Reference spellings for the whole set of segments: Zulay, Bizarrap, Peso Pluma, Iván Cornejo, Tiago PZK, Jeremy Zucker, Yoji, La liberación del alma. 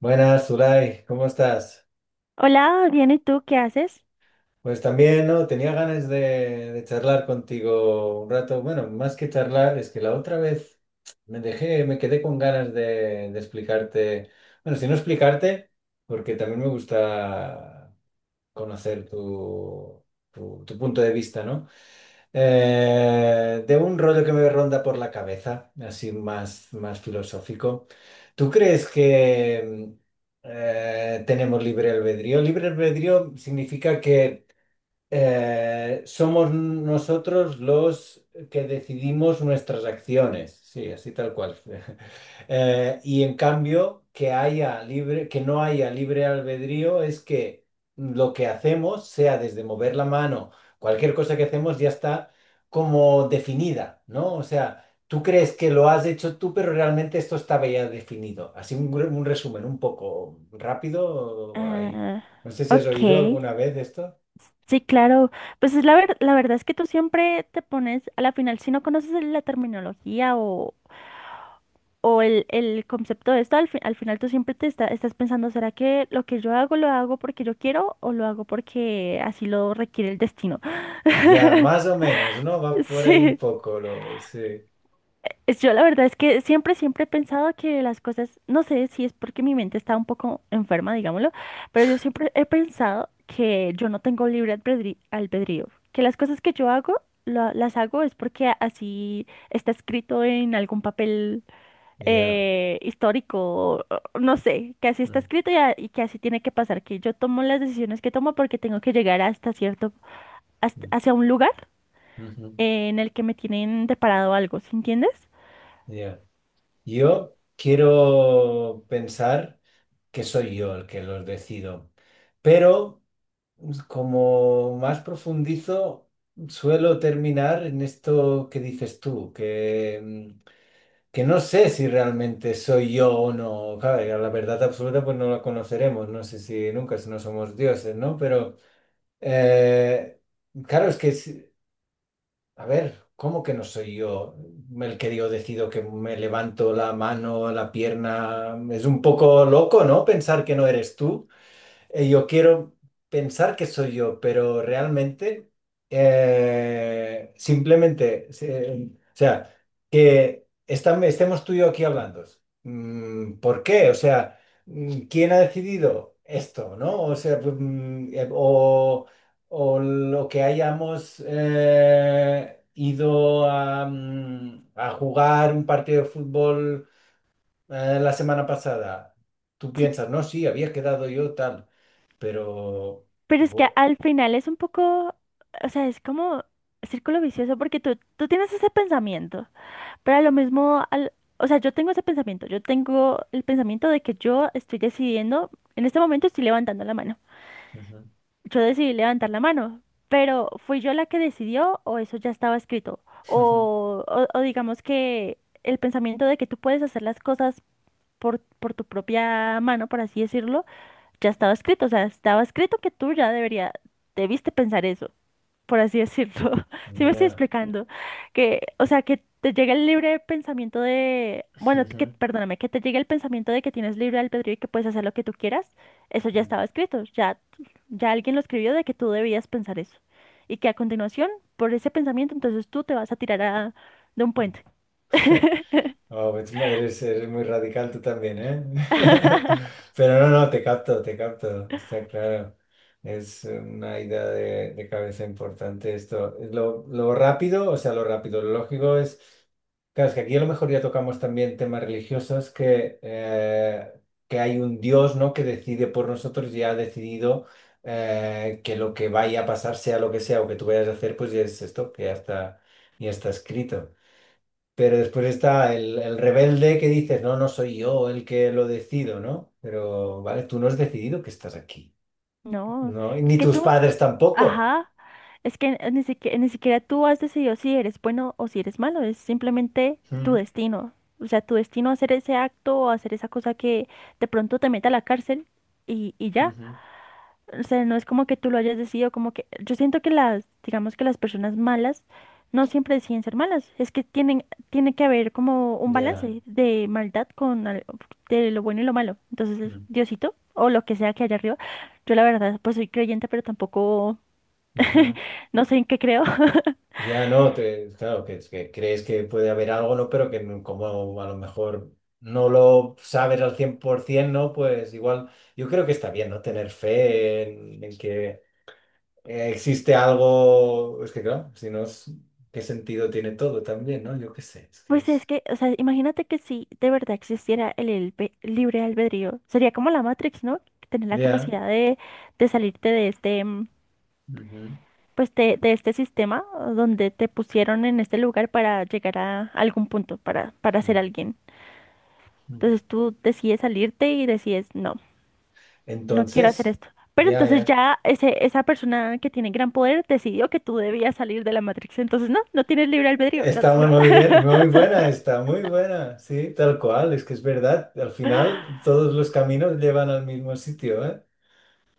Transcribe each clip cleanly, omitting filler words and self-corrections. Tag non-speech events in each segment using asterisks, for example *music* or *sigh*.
Buenas, Zulay, ¿cómo estás? Hola, bien, ¿y tú qué haces? Pues también, ¿no? Tenía ganas de charlar contigo un rato. Bueno, más que charlar, es que la otra vez me quedé con ganas de explicarte. Bueno, si no explicarte, porque también me gusta conocer tu punto de vista, ¿no? De un rollo que me ronda por la cabeza, así más, más filosófico. ¿Tú crees que tenemos libre albedrío? Libre albedrío significa que somos nosotros los que decidimos nuestras acciones, sí, así tal cual. *laughs* Y en cambio, que no haya libre albedrío es que lo que hacemos, sea desde mover la mano, cualquier cosa que hacemos ya está como definida, ¿no? O sea, tú crees que lo has hecho tú, pero realmente esto estaba ya definido. Así un resumen un poco rápido, ahí. Ah, No sé si has ok, oído alguna vez esto. sí, claro. Pues es la la verdad es que tú siempre te pones, a la final, si no conoces la terminología o el concepto de esto, al, al final tú siempre te estás pensando, ¿será que lo que yo hago lo hago porque yo quiero o lo hago porque así lo requiere el destino? Ya, más o menos, ¿no? Va *laughs* por ahí un Sí. poco, sí. Yo la verdad es que siempre he pensado que las cosas, no sé si es porque mi mente está un poco enferma, digámoslo, pero yo siempre he pensado que yo no tengo albedrío, que las cosas que yo hago, las hago es porque así está escrito en algún papel Ya. Histórico, o- o no sé, que así está Mm, escrito y, y que así tiene que pasar, que yo tomo las decisiones que tomo porque tengo que llegar hasta cierto, mm, hacia un lugar ujú. En el que me tienen deparado algo, ¿sí entiendes? Ya. Yo quiero pensar que soy yo el que los decido, pero como más profundizo, suelo terminar en esto que dices tú, que no sé si realmente soy yo o no. Claro, la verdad absoluta pues no la conoceremos, no sé si nunca, si no somos dioses, ¿no? Pero eh, Claro, es que si- a ver, ¿cómo que no soy yo el que yo decido que me levanto la mano, la pierna? Es un poco loco, ¿no? Pensar que no eres tú. Yo quiero pensar que soy yo, pero realmente o sea, que estemos tú y yo aquí hablando. ¿Por qué? O sea, ¿quién ha decidido esto, no? O sea, pues, o lo que hayamos ido a jugar un partido de fútbol la semana pasada. Tú Sí. piensas, no, sí, había quedado yo tal, pero Pero es que igual. al final es un poco, o sea, es como círculo vicioso porque tú tienes ese pensamiento, pero a lo mismo, al, o sea, yo tengo ese pensamiento, yo tengo el pensamiento de que yo estoy decidiendo, en este momento estoy levantando la mano, Ujú. yo decidí levantar la mano, pero ¿fui yo la que decidió o eso ya estaba escrito? *laughs* Ujú. O digamos que el pensamiento de que tú puedes hacer las cosas por tu propia mano, por así decirlo ya estaba escrito, o sea, estaba escrito que tú ya debería, debiste pensar eso, por así decirlo. *laughs* Sí me estoy Yeah. explicando. Que, o sea, que te llegue el libre pensamiento de, bueno, que, Ujú. perdóname, que te llegue el pensamiento de que tienes libre albedrío y que puedes hacer lo que tú quieras, eso ya Mm. estaba escrito, ya, ya alguien lo escribió de que tú debías pensar eso. Y que a continuación, por ese pensamiento, entonces tú te vas a de un puente. *laughs* Wow, eres muy radical tú también, ¿eh? *laughs* Pero no, no, te capto, está claro. Es una idea de cabeza importante esto. Lo rápido, o sea, lo rápido, lo lógico es, claro, es que aquí a lo mejor ya tocamos también temas religiosos que hay un Dios, ¿no? Que decide por nosotros y ha decidido que lo que vaya a pasar, sea lo que sea, o que tú vayas a hacer, pues ya es esto, que ya está escrito. Pero después está el rebelde que dices, no, no soy yo el que lo decido, ¿no? Pero, vale, tú no has decidido que estás aquí, No, ¿no? Y es ni que tus tú, padres tampoco. ajá, es que ni siquiera tú has decidido si eres bueno o si eres malo, es simplemente tu Mm. destino. O sea, tu destino hacer ese acto o hacer esa cosa que de pronto te meta a la cárcel y ya. Ujú. O sea, no es como que tú lo hayas decidido, como que yo siento que las, digamos que las personas malas no siempre deciden ser malas, es que tienen, tiene que haber como un Ya. balance de maldad con de lo bueno y lo malo. Entonces, Mm. Diosito, o lo que sea que haya arriba, yo la verdad, pues soy creyente, pero tampoco Ujú. *laughs* no sé en qué creo. *laughs* Ya no, claro, que crees que puede haber algo, ¿no? Pero que como a lo mejor no lo sabes al 100%, ¿no? Pues igual, yo creo que está bien, ¿no? Tener fe en que existe algo, es que claro, si no es, ¿qué sentido tiene todo también, no? Yo qué sé, es que Pues es es, que, o sea, imagínate que si de verdad existiera el libre albedrío, sería como la Matrix, ¿no? Tener la ya. capacidad de salirte de este. Ujú. Pues de este sistema donde te pusieron en este lugar para llegar a algún punto, para ser alguien. Ujú. Entonces tú decides salirte y decides, no, no quiero hacer Entonces, esto. Pero ya, entonces ya. ya ese, esa persona que tiene gran poder decidió que tú debías salir de la Matrix. Entonces no, no tienes libre albedrío. No, Está muy no. muy *laughs* bien, muy buena, está muy buena, sí, tal cual, es que es verdad, al final todos los caminos llevan al mismo sitio, ¿eh?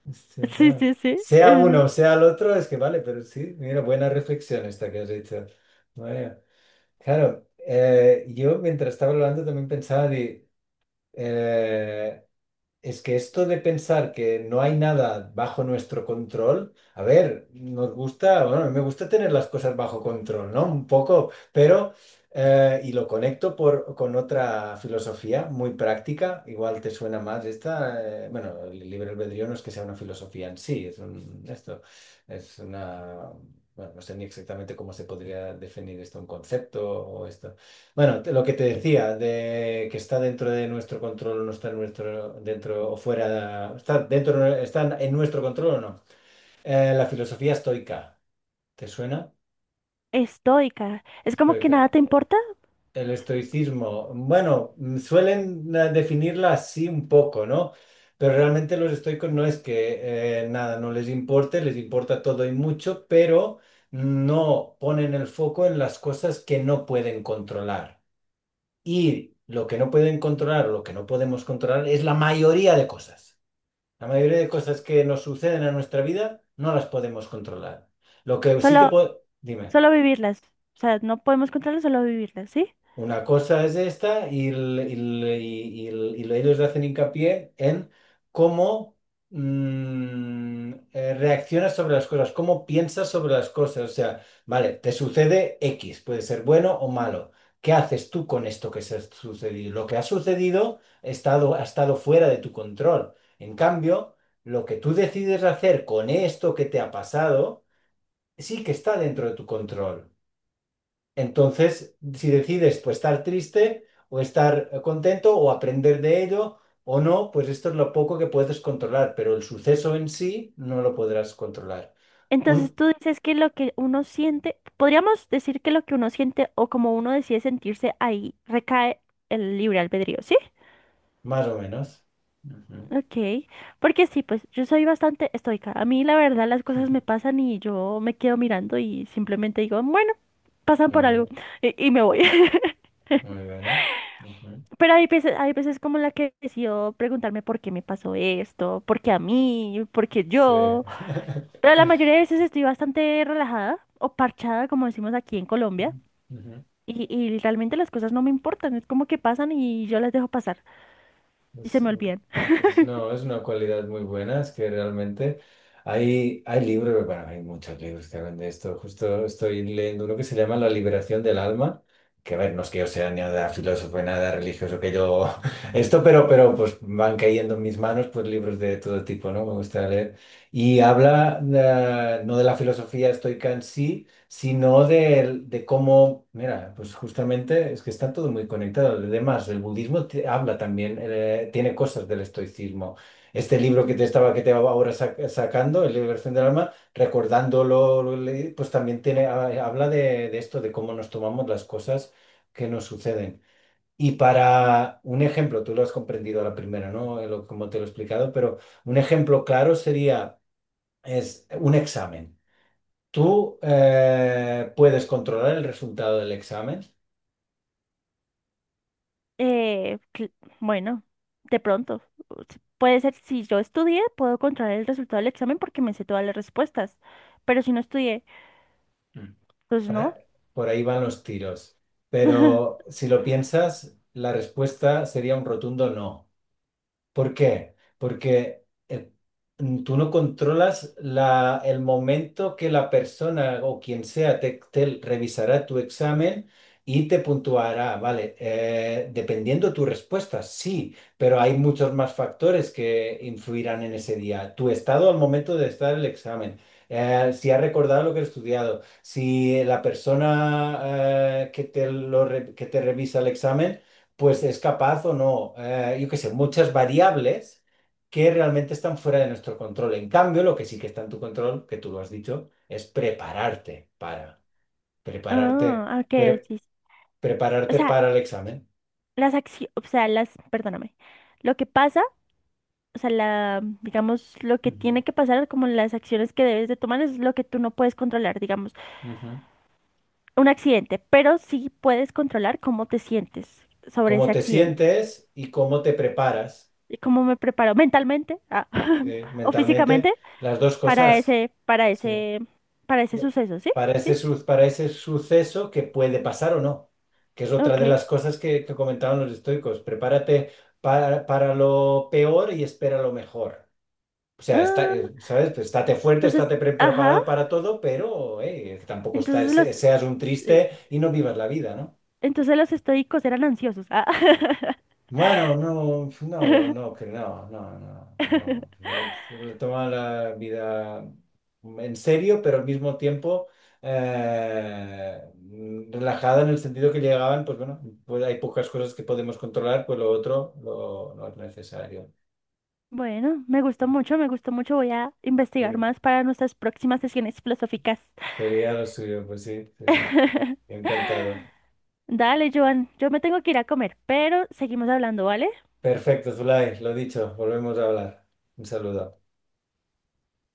Hostia, Sí, claro. sí, sí. Sea Es uno, sea el otro, es que vale, pero sí, mira, buena reflexión esta que has hecho. Vaya. Claro, yo mientras estaba hablando también pensaba de Eh, es que esto de pensar que no hay nada bajo nuestro control, a ver, nos gusta, bueno, a mí me gusta tener las cosas bajo control, ¿no? Un poco, pero y lo conecto con otra filosofía muy práctica, igual te suena más esta, bueno, el libre albedrío no es que sea una filosofía en sí, es un, esto, es una, bueno, no sé ni exactamente cómo se podría definir esto, un concepto o esto. Bueno, lo que te decía, de que está dentro de nuestro control, no está en nuestro, dentro o fuera, está dentro, está en nuestro control o no. La filosofía estoica, ¿te suena? estoica. Es como que Estoica. nada te importa, El estoicismo, bueno, suelen definirla así un poco, ¿no? Pero realmente los estoicos no es que nada, no les importe, les importa todo y mucho, pero no ponen el foco en las cosas que no pueden controlar. Y lo que no pueden controlar o lo que no podemos controlar es la mayoría de cosas. La mayoría de cosas que nos suceden en nuestra vida no las podemos controlar. Lo que sí que solo, puedo... Dime. solo vivirlas. O sea, no podemos controlarlas, solo vivirlas, ¿sí? Una cosa es esta y ellos hacen hincapié en cómo reaccionas sobre las cosas, cómo piensas sobre las cosas. O sea, vale, te sucede X, puede ser bueno o malo. ¿Qué haces tú con esto que se ha sucedido? Lo que ha sucedido ha estado fuera de tu control. En cambio, lo que tú decides hacer con esto que te ha pasado sí que está dentro de tu control. Entonces, si decides pues, estar triste o estar contento o aprender de ello o no, pues esto es lo poco que puedes controlar, pero el suceso en sí no lo podrás controlar. Entonces Un, tú dices que lo que uno siente, podríamos decir que lo que uno siente o como uno decide sentirse ahí recae el libre albedrío, ¿sí? más o menos. Ujú. Ok, porque sí, pues yo soy bastante estoica. A mí la verdad las cosas me *laughs* pasan y yo me quedo mirando y simplemente digo, bueno, pasan Muy por algo bien, y me voy. *laughs* muy bien, ¿no? Ujú. Pero hay veces como la que decido preguntarme por qué me pasó esto, por qué a mí, por qué Sí. yo. Pero la mayoría de veces estoy bastante relajada o parchada, como decimos aquí en Colombia. *laughs* Ujú. Y realmente las cosas no me importan, es como que pasan y yo las dejo pasar y se Es, me olvidan. No, es una cualidad muy buena, es que realmente hay libros, bueno, hay muchos libros que hablan de esto. Justo estoy leyendo uno que se llama La Liberación del Alma, que a ver, no es que yo sea ni nada filósofo, ni nada religioso, que yo *laughs* esto, pero, pues van cayendo en mis manos pues libros de todo tipo, ¿no? Me gusta leer. Y habla, no de la filosofía estoica en sí, sino cómo, mira, pues justamente es que está todo muy conectado. Además, el budismo habla también, tiene cosas del estoicismo. Este libro que te estaba, que te va ahora sac- sacando, El Liberación del Alma, recordándolo, lo leí, pues también habla de esto, de cómo nos tomamos las cosas que nos suceden. Y para un ejemplo, tú lo has comprendido a la primera, ¿no? Como te lo he explicado, pero un ejemplo claro sería, es un examen. Tú puedes controlar el resultado del examen. Eh, cl- bueno, de pronto, o puede ser, si yo estudié, puedo controlar el resultado del examen porque me sé todas las respuestas, pero si no estudié, Mm. pues no. Para por ahí van los tiros, *laughs* pero si lo piensas, la respuesta sería un rotundo no. ¿Por qué? Porque tú no controlas el momento que la persona o quien sea te revisará tu examen y te puntuará, ¿vale? Dependiendo tu respuesta, sí, pero hay muchos más factores que influirán en ese día. Tu estado al momento de estar el examen, si ha recordado lo que ha estudiado, si la persona que te revisa el examen pues es capaz o no, yo qué sé, muchas variables que realmente están fuera de nuestro control. En cambio, lo que sí que está en tu control, que tú lo has dicho, es prepararte, Ah, ok, pre- sí. Sí. O prepararte sea, para el examen. las acciones, o sea, las, perdóname, lo que pasa, o sea, la, digamos, lo que Ujú. tiene que pasar, como las acciones que debes de tomar es lo que tú no puedes controlar, digamos. Ujú. Un accidente, pero sí puedes controlar cómo te sientes sobre Cómo ese te accidente sientes y cómo te preparas, y cómo me preparo mentalmente ah, *laughs* o mentalmente, físicamente las dos para cosas. ese, para Sí. ese, para ese suceso, ¿sí? Para Sí, ese, sí. Suceso que puede pasar o no, que es otra Ok. de las cosas que comentaban los estoicos. Prepárate para lo peor y espera lo mejor. O sea, está, Ah, ¿sabes? Pues estate fuerte, entonces, estate pre- ajá, preparado para todo, pero tampoco estar- entonces se- los, seas un sí, triste y no vivas la vida, ¿no? entonces los estoicos eran ansiosos. Ah, *laughs* Bueno, no, no, no, no, que no, no, no, no. Toma la vida en serio, pero al mismo tiempo relajada en el sentido que llegaban, pues bueno, pues hay pocas cosas que podemos controlar, pues lo otro lo, no es necesario. Bueno, me gustó mucho. Voy a investigar Eh, más para nuestras próximas sesiones filosóficas. Sería lo suyo, pues sí, sí, sí. *laughs* Encantado. Dale, Joan, yo me tengo que ir a comer, pero seguimos hablando, ¿vale? Perfecto, Zulay, lo dicho, volvemos a hablar. Un saludo.